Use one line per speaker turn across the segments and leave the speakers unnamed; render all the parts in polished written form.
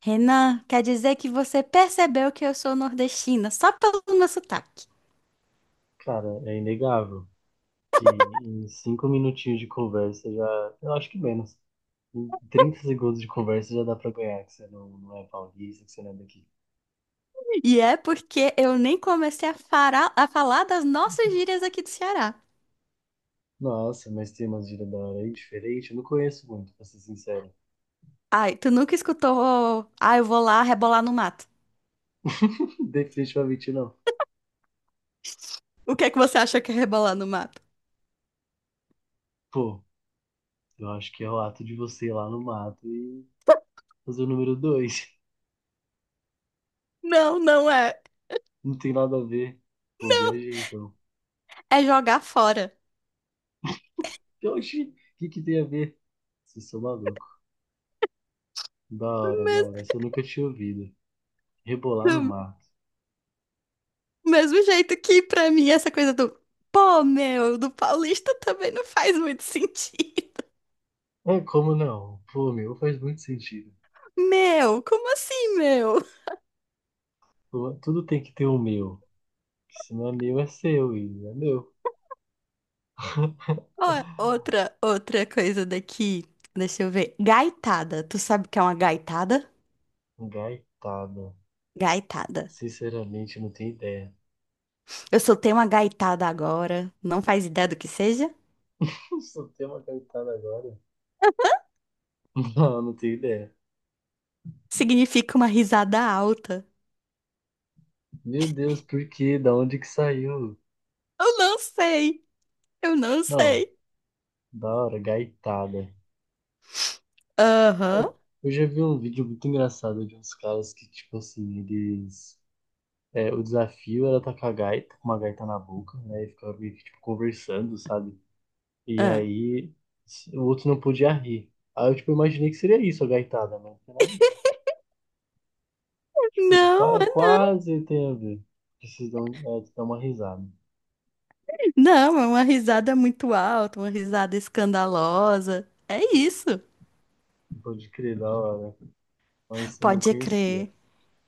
Renan, quer dizer que você percebeu que eu sou nordestina só pelo meu sotaque.
Cara, é inegável que em 5 minutinhos de conversa já. Eu acho que menos. Em 30 segundos de conversa já dá pra ganhar, que você não é paulista, que você não é daqui.
E é porque eu nem comecei a, a falar das nossas gírias aqui do Ceará.
Nossa, mas tem umas gírias da hora aí diferente. Eu não conheço muito, pra ser sincero.
Ai, tu nunca escutou? Ah, eu vou lá rebolar no mato.
Definitivamente não.
O que é que você acha que é rebolar no mato?
Pô, eu acho que é o ato de você ir lá no mato e fazer o número dois.
Não, não é.
Não tem nada a ver. Pô, viajei então.
É jogar fora.
E Oxi, o que tem a ver? Vocês são malucos. Da
Do
hora, da hora.
mes-
Essa eu nunca tinha ouvido. Rebolar no
do
mato.
mesmo jeito que pra mim essa coisa do pô, meu, do paulista também não faz muito sentido.
É, como não? Pô, meu faz muito sentido.
Meu, como assim, meu?
Pô, tudo tem que ter o meu. Que Se não é meu, é seu e não é meu.
Ó, outra, outra coisa daqui. Deixa eu ver. Gaitada. Tu sabe o que é uma gaitada?
Gaitada.
Gaitada.
Sinceramente, não tenho ideia.
Eu soltei uma gaitada agora. Não faz ideia do que seja?
Só tem uma gaitada agora? Não, não tenho ideia.
Significa uma risada alta.
Meu Deus, por quê? Da onde que saiu?
Eu não sei. Eu não
Não,
sei.
da hora, gaitada.
Aham.
Eu já vi um vídeo muito engraçado de uns caras que, tipo assim, eles. O desafio era tacar a gaita, com uma gaita na boca, né? E ficar meio que, tipo, conversando, sabe? E
Ah.
aí o outro não podia rir. Aí eu tipo, imaginei que seria isso, a gaitada, mas não tem nada, tipo,
Não, é
quase tem a ver. Preciso dar, dar uma risada.
não, é uma risada muito alta, uma risada escandalosa. É isso.
Pode crer, da hora. Mas eu não
Pode
conhecia.
crer.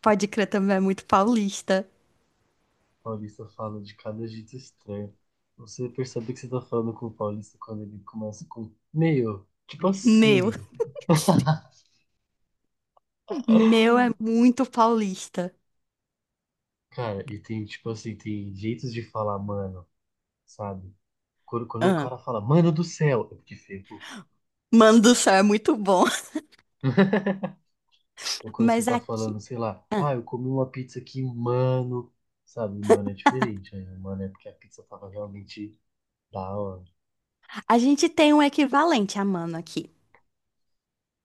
Pode crer também é muito paulista.
Paulista fala de cada jeito estranho. Você percebe que você tá falando com o paulista quando ele começa com meio, tipo
Meu,
assim.
meu é muito paulista.
Cara, e tem, tipo assim, tem jeitos de falar, mano, sabe? Quando o
Ah,
cara fala, mano do céu, é porque feio.
manduçá é muito bom.
Ou quando você
Mas
tá falando,
aqui,
sei lá, ah,
ah,
eu comi uma pizza que, mano, sabe, mano, é diferente, né? Mano, é porque a pizza tava realmente da hora.
a gente tem um equivalente a mano aqui,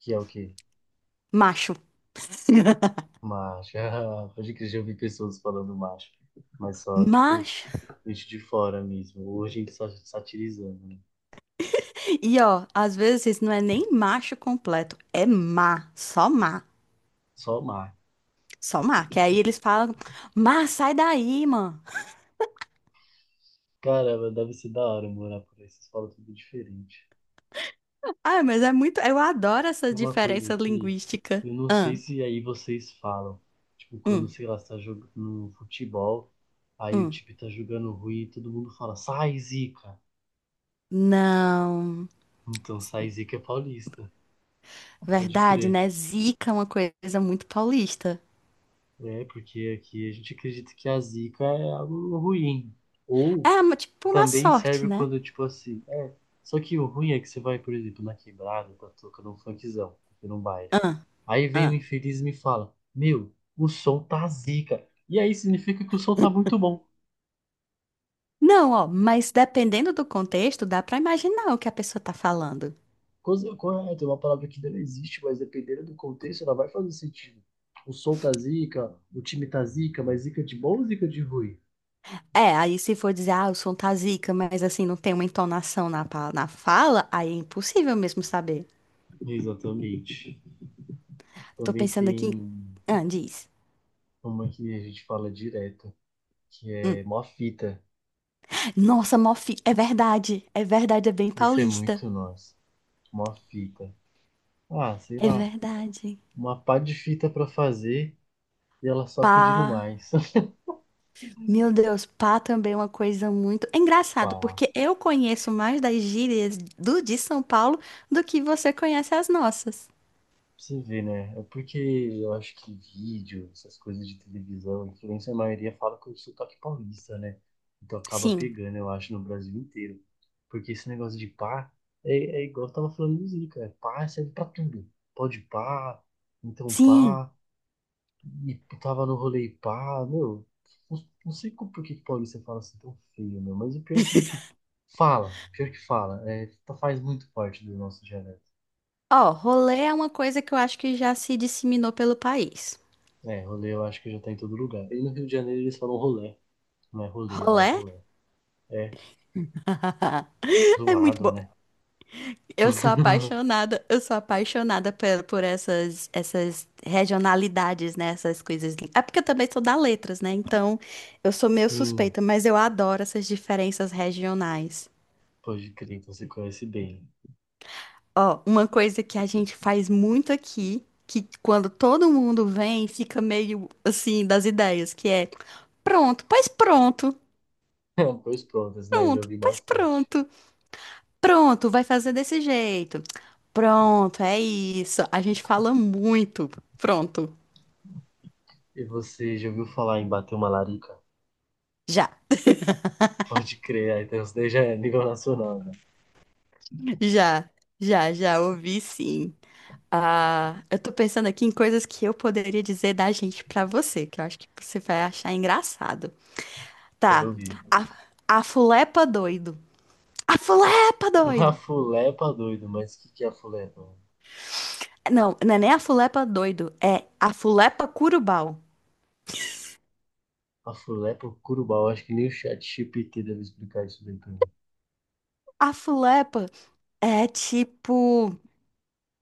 Que é o quê?
macho.
Macho. Ah, pode que eu já ouvi pessoas falando macho. Mas só, tipo,
Macho.
gente de fora mesmo. Hoje a gente só satirizando, né?
E ó, às vezes não é nem macho completo, é má, só má,
Só macho.
só má. Que aí eles falam, má, sai daí, mano.
Caramba, deve ser da hora morar por aí. Vocês falam tudo diferente.
Ah, mas é muito. Eu adoro essa
Uma coisa
diferença
que
linguística.
eu não sei
Ah,
se aí vocês falam, tipo, quando,
hum,
sei lá, você tá jogando no futebol, aí o
hum.
time tá jogando ruim e todo mundo fala, sai, Zica!
Não.
Então, sai, Zica é paulista, pode
Verdade,
crer.
né? Zica é uma coisa muito paulista.
É, porque aqui a gente acredita que a zica é algo ruim. Ou
É, tipo, uma
também
sorte,
serve
né?
quando, tipo assim, é. Só que o ruim é que você vai, por exemplo, na quebrada, tá tocando um funkzão, tá tocando um baile.
Ah,
Aí vem o
ah.
infeliz e me fala, meu, o som tá zica. E aí significa que o som tá muito bom.
Não, ó, mas dependendo do contexto, dá pra imaginar o que a pessoa tá falando.
Coisa correta, é uma palavra que não existe, mas dependendo do contexto, ela vai fazer sentido. O som tá zica, o time tá zica, mas zica de bom ou zica de ruim?
É, aí se for dizer, ah, eu sou um tazica, mas assim, não tem uma entonação na, na fala, aí é impossível mesmo saber.
Exatamente.
Tô
Também
pensando aqui.
tem
Ah, diz.
uma que a gente fala direto, que é
Hum.
mó fita.
Nossa, Mofi, é verdade. É verdade, é bem
Isso é
paulista.
muito nosso. Uma fita. Ah, sei
É
lá.
verdade.
Uma pá de fita pra fazer e ela só pedindo
Pá.
mais.
Meu Deus, pá também é uma coisa muito. É
Pá
engraçado,
lá. Pra
porque eu conheço mais das gírias do de São Paulo do que você conhece as nossas.
você vê, né? É porque eu acho que vídeo, essas coisas de televisão, influência, a maioria fala com o sotaque paulista, né? Então acaba
Sim.
pegando, eu acho, no Brasil inteiro. Porque esse negócio de pá é, é igual eu tava falando do Zica. É pá serve pra tudo. Pode pá, então
Sim.
pá. E tava no rolê e pá, meu. Não sei como, por que que paulista fala assim tão feio, meu. Mas o pior é que fala, pior que fala. É, faz muito parte do nosso dialeto.
Ó, rolê é uma coisa que eu acho que já se disseminou pelo país.
É, rolê eu acho que já tá em todo lugar. E no Rio de Janeiro eles falam rolê. Não é rolê, lá é
Rolê
rolê. É,
é muito
zoado,
bom.
né?
Eu sou apaixonada por, essas, essas regionalidades, né? Essas coisas. É porque eu também sou da letras, né? Então eu sou meio
Sim,
suspeita, mas eu adoro essas diferenças regionais.
pode crer, então você conhece bem.
Ó, uma coisa que a gente faz muito aqui, que quando todo mundo vem, fica meio assim das ideias, que é pronto, pois pronto,
Pois pronto, esse daí eu já
pronto,
ouvi
pois
bastante.
pronto. Pronto, vai fazer desse jeito. Pronto, é isso. A gente fala muito. Pronto.
E você já ouviu falar em bater uma larica?
Já,
Pode crer, aí então isso daí já é nível nacional, né?
já, já, já ouvi sim. Ah, eu tô pensando aqui em coisas que eu poderia dizer da gente pra você, que eu acho que você vai achar engraçado.
Quero
Tá.
ouvir.
A, a fulepa doido. A fulepa
A
doido.
fulepa, doido, mas o que, que é a fulepa?
Não, não é nem a fulepa doido, é a fulepa curubal.
A fulepa, o curubau, acho que nem o chat GPT deve explicar isso bem pra mim.
A fulepa é tipo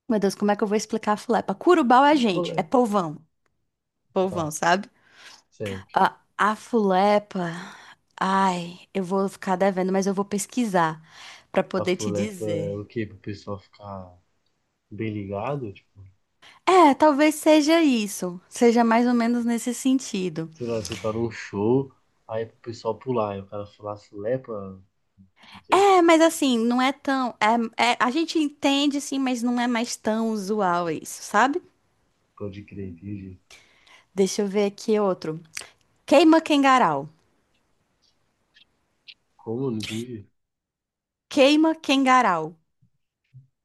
Meu Deus, como é que eu vou explicar a Fulepa? Curubau é
A
gente, é
fulepa.
povão.
Tá,
Povão, sabe?
certo.
A Fulepa. Ai, eu vou ficar devendo, mas eu vou pesquisar pra
A
poder te
fulepa é
dizer.
pra, o quê? Pro pessoal ficar bem ligado? Tipo,
É, talvez seja isso. Seja mais ou menos nesse sentido.
sei lá, você tá num show, aí é pro pessoal pular, e o cara falar fulepa, o que é?
É, mas assim, não é tão. É, a gente entende sim, mas não é mais tão usual isso, sabe?
Pode crer, entendi.
Deixa eu ver aqui outro. Queima quengarau.
Como? Não entendi.
Queima quengarau.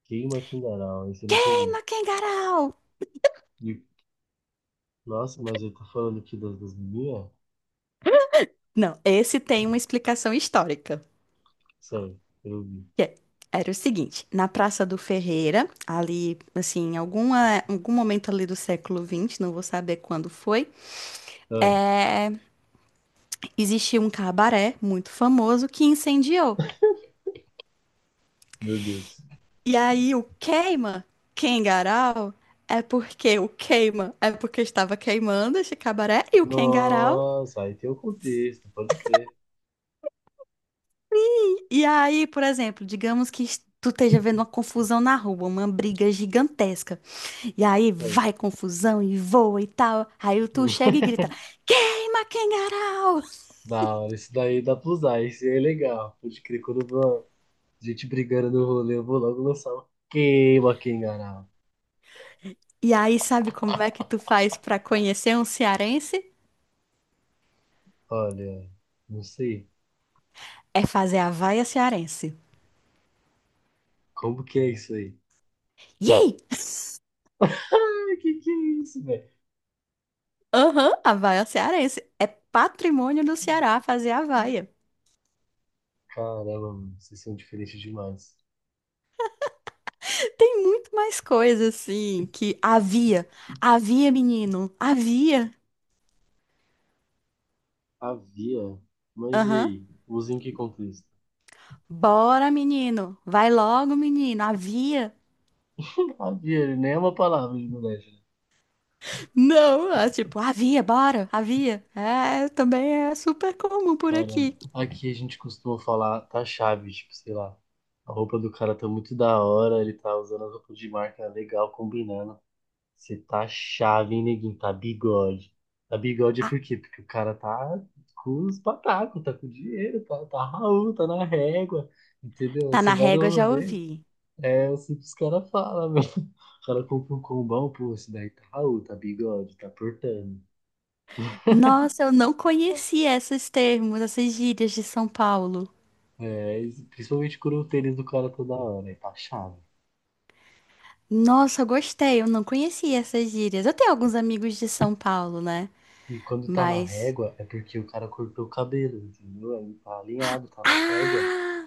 Queima Kindaral, esse eu não comi.
Queima quengarau!
E, nossa, mas eu tô falando aqui das, das meninas?
Não, esse tem uma explicação histórica.
Sério, eu não vi.
que é- Era o seguinte, na Praça do Ferreira, ali, assim, em alguma, algum momento ali do século XX, não vou saber quando foi,
Ah,
é, existia um cabaré muito famoso que incendiou.
meu Deus.
E aí o queima, Kengarau, é porque o queima, é porque estava queimando esse cabaré e o Kengarau.
Nossa, aí tem o contexto, pode crer.
E aí, por exemplo, digamos que tu esteja vendo uma confusão na rua, uma briga gigantesca. E aí
Certo.
vai confusão e voa e tal. Aí tu chega e grita: Queima, Quengarau!
Da hora, isso daí dá pra usar, isso aí é legal. Pode crer, quando eu vou gente brigando no rolê, eu vou logo lançar um queima quem enganar.
E aí, sabe como é que tu faz pra conhecer um cearense?
Olha, não sei.
É fazer a vaia cearense.
Como que é isso aí?
Yay!
Ai, que é isso, velho?
Aham, a vaia cearense. É patrimônio do Ceará fazer a vaia.
Caramba, mano, vocês são diferentes demais.
Tem muito mais coisa assim que havia. Havia, menino. Havia.
Havia? Mas e
Aham.
aí? Usa em que contexto?
Bora, menino. Vai logo, menino. Havia.
Havia, nem é uma palavra de moleque, né?
Não, é tipo, havia, bora, havia. É, também é super comum por
Caramba.
aqui.
Aqui a gente costuma falar, tá chave, tipo, sei lá. A roupa do cara tá muito da hora, ele tá usando a roupa de marca legal, combinando. Você tá chave, hein, neguinho? Tá bigode. Tá bigode é
Ah,
por quê? Porque o cara tá com os patacos, tá com dinheiro, tá Raul, tá na régua, entendeu?
tá
Você
na
vai no
régua, já
rolê,
ouvi.
é assim que os caras falam, meu. O cara compra um combão, pô, esse daí tá Raul, tá bigode, tá portando.
Nossa, eu não conhecia esses termos, essas gírias de São Paulo.
É, e principalmente quando o tênis do cara toda hora, aí tá chave.
Nossa, eu gostei, eu não conhecia essas gírias. Eu tenho alguns amigos de São Paulo, né?
E quando tá na
Mas.
régua, é porque o cara cortou o cabelo, entendeu? Aí tá alinhado,
Ah!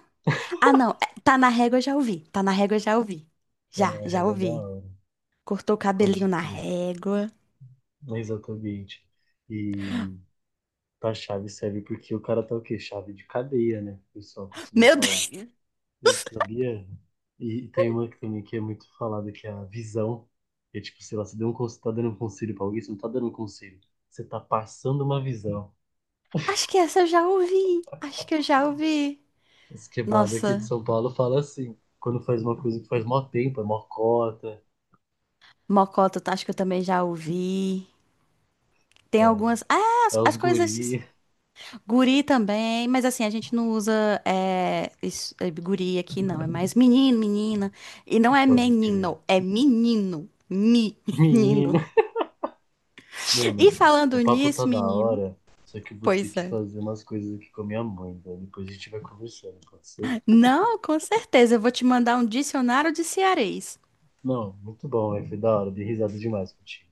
Ah, não, é, tá na régua, já ouvi. Tá na régua, já ouvi.
tá
Já,
na
já
régua da
ouvi.
hora.
Cortou o cabelinho
Pode
na
crer.
régua.
Exatamente. E pra chave serve porque o cara tá o quê? Chave de cadeia, né? O pessoal costuma
Meu
falar.
Deus!
Eu sabia? E tem uma que também que é muito falada, que é a visão. É tipo, sei lá, você deu um, tá dando um conselho pra alguém, você não tá dando um conselho. Você tá passando uma visão.
Acho que essa eu já ouvi. Acho que eu já ouvi.
Esse quebrado aqui de
Nossa,
São Paulo fala assim, quando faz uma coisa que faz mó tempo, é mó cota,
Mocota, acho que eu também já ouvi. Tem
é
algumas. Ah,
é
as,
os
as coisas.
guri.
Guri também, mas assim, a gente não usa é, é, guri aqui, não. É mais menino, menina. E não é
Pode crer.
menino, é menino. Menino.
Menino. Meu,
E
mas o
falando
papo tá
nisso,
da
menino.
hora, só que eu vou ter
Pois
que
é.
fazer umas coisas aqui com a minha mãe, velho. Depois a gente vai conversando, pode ser?
Não, com certeza. Eu vou te mandar um dicionário de cearês.
Não, muito bom, velho. Foi da hora, dei risada demais contigo.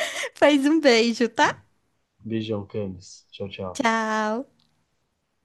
Faz um beijo, tá?
Beijão, Camis. Tchau, tchau.
Tchau.